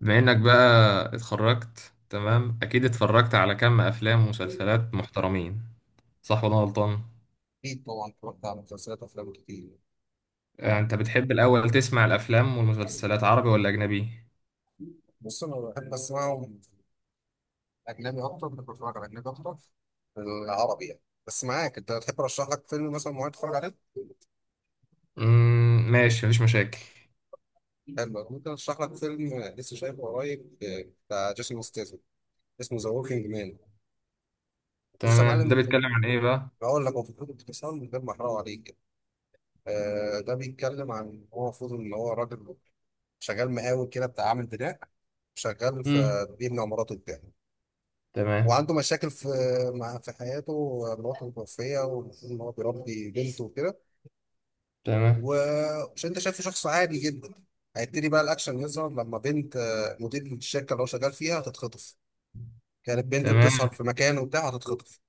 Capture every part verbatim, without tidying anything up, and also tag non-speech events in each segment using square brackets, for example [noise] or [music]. بما انك بقى اتخرجت. تمام، اكيد اتفرجت على كم افلام ومسلسلات محترمين، صح ولا أنا غلطان؟ أكيد طبعا اتفرجت على مسلسلات أفلام كتير. آه، انت بتحب الاول تسمع الافلام والمسلسلات عربي ولا اجنبي؟ بص أنا بحب أسمعهم، أجنبي أكتر. بحب أتفرج على أجنبي أكتر من العربي يعني. بس معاك، أنت تحب أرشح لك فيلم مثلا معين تتفرج عليه؟ امم ماشي، مفيش مشاكل. حلو، ممكن أرشح لك فيلم لسه شايفه قريب. آه، بتاع جيسون ستاثام، اسمه ذا وركينج مان. لسه تمام، ده معلم، بيتكلم عن ايه بقى؟ بقول لك هو في كتب اختصار من غير ما أحرقه عليك. آه، ده بيتكلم عن، هو المفروض إن هو راجل شغال مقاول كده بتاع، عامل بناء. شغال في، امم. بيبني عمارات وبتاع. تمام. وعنده مشاكل في مع في حياته. مراته متوفية والمفروض إن هو بيربي بنته وكده. تمام. ومش أنت شايفه شخص عادي جدا. هيبتدي بقى الأكشن يظهر لما بنت آه، مدير الشركة اللي هو شغال فيها هتتخطف. كانت بنت بتسهر تمام. في مكان وبتاع هتتخطف.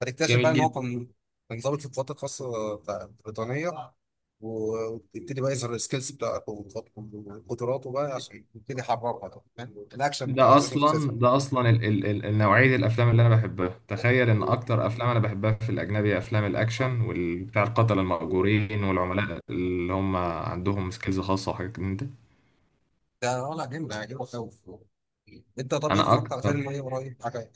فتكتشف بقى جميل إن هو جدا. كان كان ضابط في القوات الخاصة بتاع- البريطانية. ويبتدي بقى يظهر السكيلز بتاعته وخط- وقدراته بقى عشان يبتدي يحررها طبعاً. الأكشن بتاع ده جيسون اصلا ستاثام. ده اصلا ال ال ال النوعيه الافلام اللي انا بحبها. تخيل ان اكتر افلام انا بحبها في الاجنبي افلام الاكشن والبتاع، القتله المأجورين والعملاء اللي هم عندهم سكيلز خاصه وحاجات من ده. ده ولا جامد، هيعجبك أوي. انت طب ايه، انا اتفرجت على اكتر، فيلم ايه قريب حاجه؟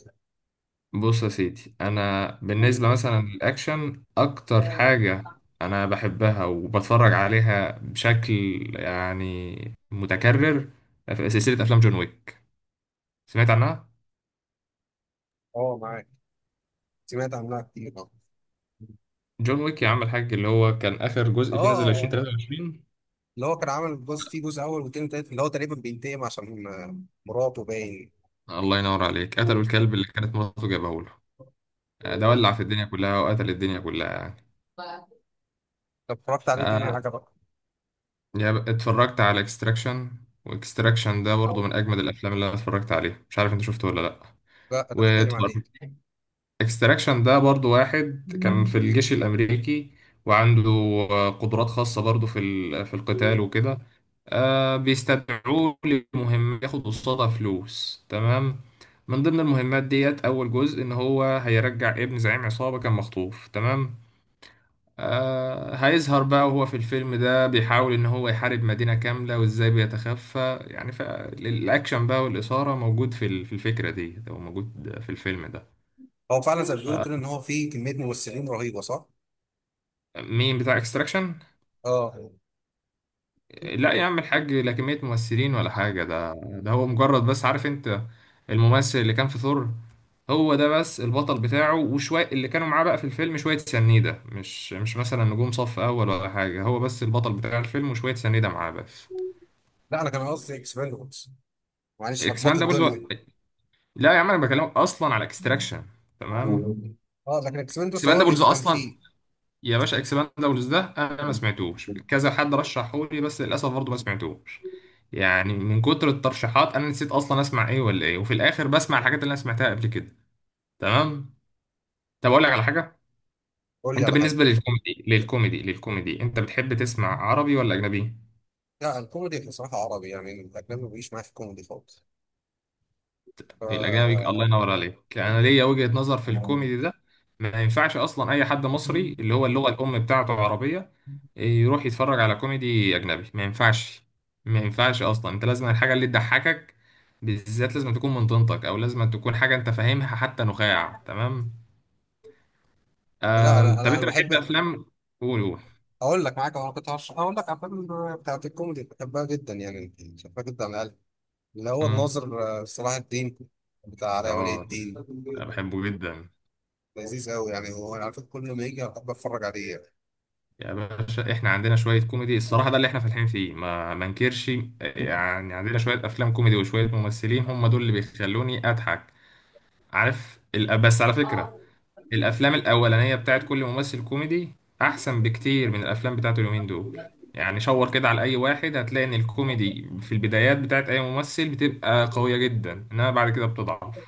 بص يا سيدي انا بالنسبه مثلا للاكشن اكتر حاجه انا بحبها وبتفرج عليها بشكل يعني متكرر. في سلسله افلام جون ويك، سمعت عنها؟ اه معاك. سمعت عنها كتير، اه. جون ويك، يا عم الحاج، اللي هو كان اخر جزء فيه نزل اه، ألفين وتلاتة. اللي هو كان عامل جزء، فيه جزء اول وتاني تالت اللي هو تقريبا بينتقم عشان آه، مراته باين. الله ينور عليك، قتلوا الكلب اللي كانت مراته جابه له. آه، ده ولع في الدنيا كلها وقتل الدنيا كلها يعني طب اتفرجت عليه تاني آه، حاجه بقى؟ يا ب- اتفرجت على اكستراكشن. واكستراكشن ده برضو من اجمد الافلام اللي انا اتفرجت عليها، مش عارف انت شفته ولا لا. لا، ده بيتكلم عن ايه؟ واتفرجت، اكستراكشن ده برضو واحد كان في الجيش الامريكي، وعنده آه، قدرات خاصه برضو في ال- في القتال وكده. آه، بيستدعوه لمهمة ياخد قصادها فلوس. تمام، من ضمن المهمات ديت أول جزء إن هو هيرجع ابن زعيم عصابة كان مخطوف. تمام، آه هيظهر بقى، وهو في الفيلم ده بيحاول إن هو يحارب مدينة كاملة وإزاي بيتخفى، يعني فالأكشن بقى والإثارة موجود في ال- في الفكرة دي، أو موجود في الفيلم ده. هو فعلا زي ما بيقولوا آه، كده ان هو فيه كميه ممثلين رهيبه، صح؟ مين بتاع اكستراكشن؟ اه. لا يا عم الحاج، لا كمية ممثلين ولا حاجة، ده ده هو مجرد، بس عارف انت الممثل اللي كان في ثور؟ هو ده بس البطل بتاعه، وشوية اللي كانوا معاه بقى في الفيلم شوية سنيدة، مش مش مثلا نجوم صف أول ولا حاجة، هو بس البطل بتاع الفيلم وشوية سنيدة معاه بس. لا، انا كان قصدي اكسباندبلز، معلش لخبطت اكسباندابلز و... الدنيا. لا يا عم انا بكلمك اصلا على اكستراكشن. تمام. اه، لكن اكسباندبلز هو اللي اكسباندابلز فكان اصلا، فيه. يا باشا اكسباندابلز ده انا ما سمعتوش، كذا حد رشحه لي بس للاسف برضه ما سمعتوش. يعني من كتر الترشيحات انا نسيت اصلا اسمع ايه ولا ايه، وفي الاخر بسمع الحاجات اللي انا سمعتها قبل كده. تمام، طب اقول لك على حاجه؟ قول لي انت على حاجه. بالنسبه للكوميدي للكوميدي للكوميدي انت بتحب تسمع عربي ولا اجنبي؟ لا، الكوميدي بصراحة عربي يعني، الأجنبي ما بيجيش معايا في الكوميدي خالص. ف... الاجنبي؟ الله ينور عليك. انا ليا وجهة نظر في الكوميدي ده، ما ينفعش اصلا اي حد مصري اللي هو اللغة الام بتاعته عربية يروح يتفرج على كوميدي اجنبي، ما ينفعش. ما ينفعش اصلا، انت لازم الحاجة اللي تضحكك بالذات لازم تكون من طينتك، او لازم تكون حاجة انت فاهمها حتى نخاع. تمام، لا، أنا آم، طب أنا أنا انت بتحب بحب. افلام؟ قول قول. أقول لك، معاك أنا كنت هرش- أقول لك على الأفلام بتاعت الكوميدي، بحبها جدا يعني، بحبها جدا على الأقل. اللي هو مم. الناظر آه، صلاح الدين، بتاع علاء ولي اه، الدين. أنا بحبه جدا. لذيذ أوي يعني، هو أنا على فكرة كل ما يجي أحب أتفرج عليه يعني. يا باشا احنا عندنا شوية كوميدي الصراحة، ده اللي احنا فالحين فيه، ما ما انكرش. [laughs] يعني عندنا شوية افلام كوميدي وشوية ممثلين هم دول اللي بيخلوني اضحك. عارف ال- بس على فكرة، الافلام الاولانية بتاعت كل ممثل كوميدي احسن بكتير من الافلام بتاعته اليومين دول. يعني شاور كده على اي واحد، هتلاقي ان الكوميدي في البدايات بتاعت اي ممثل بتبقى قوية جدا، انما بعد كده بتضعف.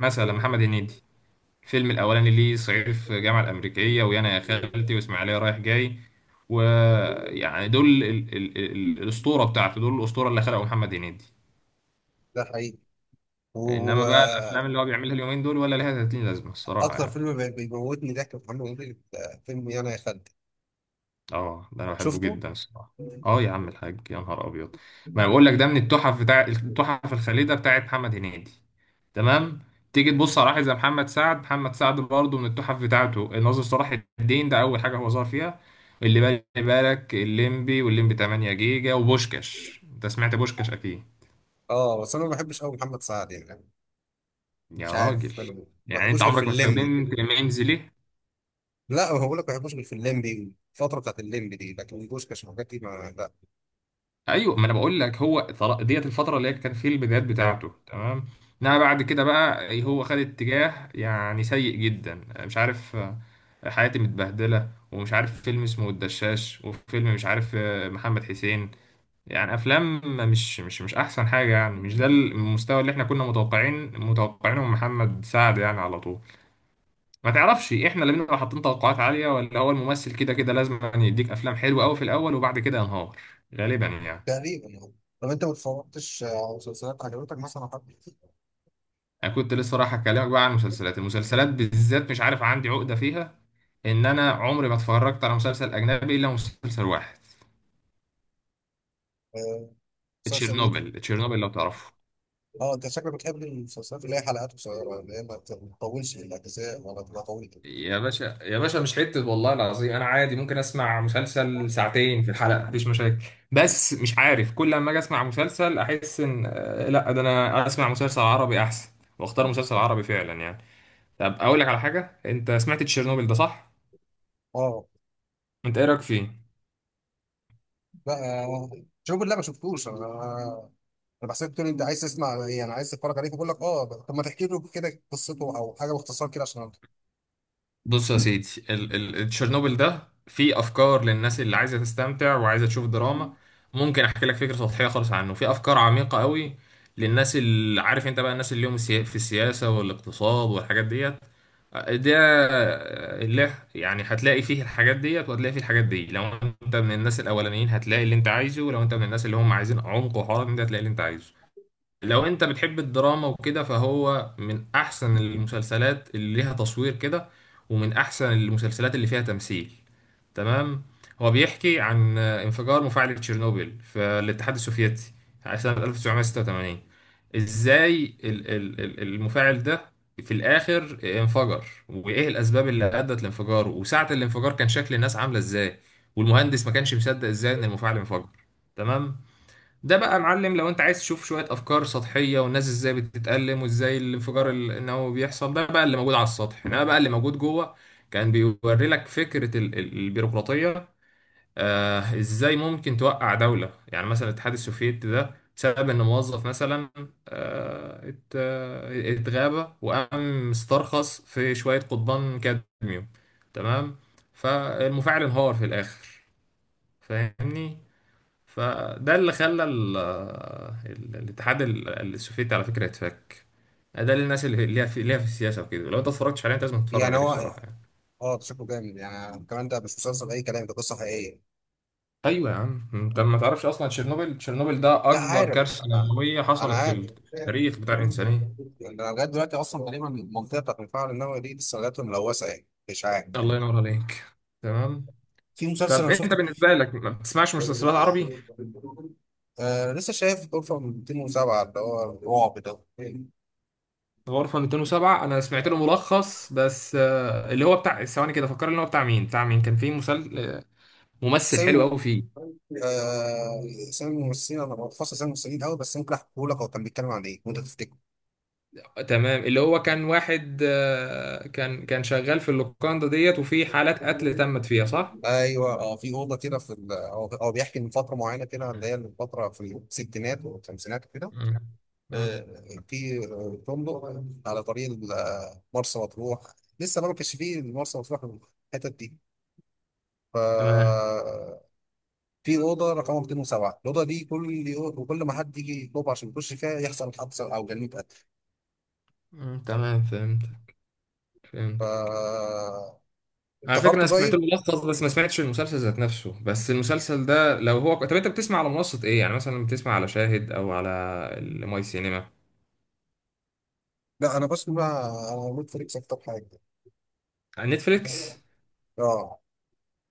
مثلا محمد هنيدي، الفيلم الأولاني ليه صعيدي في الجامعة الأمريكية، ويانا يا خالتي، وإسماعيلية رايح جاي، ويعني دول ال ال ال الأسطورة بتاعته، دول الأسطورة اللي خلقه محمد هنيدي. ده حقيقي إنما بقى الأفلام وأكتر. اللي هو بيعملها اليومين دول ولا ليها تلاتين لازمة الصراحة يعني فيلم بي- بيموتني ضحك في محمد هنيدي آه، فيلم يانا يا خالتي. اه ده انا بحبه شفته؟ جدا الصراحه. اه يا عم الحاج، يا نهار ابيض، ما أنا بقول لك ده من التحف، بتاع التحف الخالده بتاعت محمد هنيدي. تمام، تيجي تبص على واحد زي محمد سعد، محمد سعد برضه من التحف بتاعته الناظر صلاح الدين ده اول حاجه هو ظهر فيها، اللي بالي بالك الليمبي والليمبي ثمانية جيجا وبوشكاش، انت سمعت بوشكاش اكيد؟ اه، بس انا ما بحبش قوي محمد سعد يعني. مش يا راجل، عارف، انا ما يعني انت بحبوش غير في عمرك ما الليمبي. استخدمت ميمز ليه؟ لا، هو بقول لك ما بحبوش غير في الليمبي، الفتره بتاعت الليمبي دي، لكن بوشكاش والحاجات دي ما لا. ايوه، ما انا بقول لك هو طر- ديت الفتره اللي هي كان في البدايات بتاعته. تمام، انما بعد كده بقى هو خد اتجاه يعني سيء جدا، مش عارف، آه، حياتي متبهدله ومش عارف فيلم اسمه الدشاش، وفيلم مش عارف، آه، محمد حسين. يعني افلام مش مش مش احسن حاجه، يعني مش ده المستوى اللي احنا كنا متوقعين متوقعينه من محمد سعد يعني على طول. ما تعرفش احنا اللي بنبقى حاطين توقعات عاليه، ولا هو الممثل كده كده لازم يعني يديك افلام حلوه قوي في الاول وبعد كده ينهار، غالبا يعني. تقريبا يعني. طب انت ما اتفرجتش على مسلسلات عجبتك مثلا حد؟ انا كنت لسه رايح اكلمك بقى عن المسلسلات، المسلسلات بالذات مش عارف عندي عقده فيها، ان انا عمري ما اتفرجت على مسلسل اجنبي الا مسلسل واحد، آه، مسلسل ايه؟ تشيرنوبل، تشيرنوبل لو تعرفه. اه، انت شكلك بتحب المسلسلات اللي هي حلقات قصيره، اللي هي ما تطولش في الاجزاء ولا تبقى طويله. يا باشا، يا باشا مش حتة، والله العظيم أنا عادي ممكن أسمع مسلسل ساعتين في الحلقة مفيش مشاكل، بس مش عارف كل لما اجي اسمع مسلسل احس ان آه، لا ده انا اسمع مسلسل عربي احسن، واختار مسلسل عربي فعلا يعني. طب اقول لك على حاجه، انت سمعت تشيرنوبل ده صح؟ اه. انت ايه رايك فيه؟ لا، آه، شوف، لا ما شفتوش انا. انا بحسك بتقول انت عايز تسمع ايه، انا عايز تتفرج عليه، فبقول لك اه. طب ما تحكي له كده قصته او حاجه باختصار كده عشان أعرف. بص يا سيدي ال ال تشيرنوبل ده فيه افكار للناس اللي عايزه تستمتع وعايزه تشوف دراما، ممكن احكي لك فكره سطحيه خالص عنه. في افكار عميقه قوي للناس اللي عارف انت بقى، الناس اللي هم السيا- في السياسه والاقتصاد والحاجات ديت، ده اللي يعني هتلاقي فيه الحاجات ديت، وهتلاقي فيه الحاجات دي. لو انت من الناس الاولانيين هتلاقي اللي انت عايزه، ولو انت من الناس اللي هم عايزين عمق وحوار من ده هتلاقي اللي انت عايزه. لو انت بتحب الدراما وكده فهو من احسن المسلسلات اللي ليها تصوير كده، ومن احسن المسلسلات اللي فيها تمثيل. تمام، هو بيحكي عن انفجار مفاعل تشيرنوبيل في الاتحاد السوفيتي سنة ألف وتسعمية ستة وتمانين، ازاي ال- ال- ال- المفاعل ده في الاخر انفجر، وايه الاسباب اللي ادت لانفجاره، وساعة الانفجار كان شكل الناس عاملة ازاي، والمهندس ما كانش مصدق ازاي ان المفاعل انفجر. تمام، ده بقى يا معلم لو انت عايز تشوف شوية افكار سطحية، والناس ازاي بتتألم، وازاي الانفجار ال- النووي بيحصل، ده بقى اللي موجود على السطح. انما بقى اللي موجود جوه كان بيوري لك فكرة ال- ال- البيروقراطية، آه ازاي ممكن توقع دولة يعني مثلا الاتحاد السوفيتي ده بسبب ان موظف مثلا، آه ات- آه، اتغابى وقام استرخص في شوية قضبان كادميوم. تمام، فالمفاعل انهار في الاخر، فاهمني؟ فده اللي خلى ال- ال- الاتحاد ال- السوفيتي على فكرة يتفك. ده للناس اللي ليها في، ليها في السياسة وكده، لو انت اتفرجتش عليه انت لازم تتفرج يعني عليه هو، الصراحة يعني. اه ده شكله جامد يعني. كمان ده مش مسلسل اي كلام، ده قصه حقيقيه. ايوه يا عم، انت ما تعرفش اصلا، تشيرنوبل تشيرنوبل ده لا اكبر عارف. كارثة نووية انا حصلت في عارف يعني، التاريخ بتاع الانسانية. انا لغايه دلوقتي اصلا تقريبا المنطقه بتاعت المفاعل النووي دي لسه لغايه ملوثه يعني، مش عارف. الله ينور عليك. تمام، في مسلسل طب انا انت شفته، بالنسبة لك ما بتسمعش مسلسلات عربي؟ آه، لسه شايف غرفه مائتين وسبعة، اللي هو الرعب ده. غرفة مئتين وسبعة انا سمعت له ملخص بس، آه، اللي هو بتاع ثواني كده فكرني، اللي هو بتاع مين، بتاع مين كان فيه مسل... آه، بس ممثل حلو قوي فيه. آه، اسامي الممثلين، انا بحفظ اسامي الممثلين قوي. بس ممكن احكيه لك هو كان بيتكلم عن ايه وانت تفتكر. تمام، اللي هو كان واحد، آه، كان كان شغال في اللوكاندا ديت، وفي حالات قتل تمت فيها صح؟ ايوه اه، في اوضه كده في ال- هو هو بيحكي من فتره معينه كده، اللي هي الفتره في الستينات والخمسينات كده. مم. مم. آه، في آه، فندق على طريق ال- مرسى مطروح. لسه ما كانش فيه مرسى مطروح الحتت دي. ف تمام. في اوضه رقم مئتين وسبعة، الاوضه دي كل يوم وكل ما حد يجي يطلب عشان يخش فيها يحصل حادثه او جريمه قتل. مم. تمام فهمت، ف فهمت. على فكرة أنا افتكرته سمعت له طيب. ملخص بس ما سمعتش المسلسل ذات نفسه، بس المسلسل ده لو هو، طب أنت بتسمع على منصة إيه؟ يعني مثلا بتسمع على شاهد أو على الماي سينما؟ لا، انا بسمع على نتفليكس اكتر حاجه. على نتفليكس؟ اه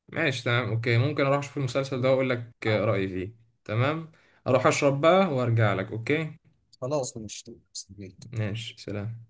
ماشي، تمام، أوكي، ممكن أروح أشوف المسلسل ده وأقول لك رأيي فيه. تمام؟ أروح أشرب بقى وأرجع لك أوكي؟ خلاص، مش مستني. ماشي، سلام.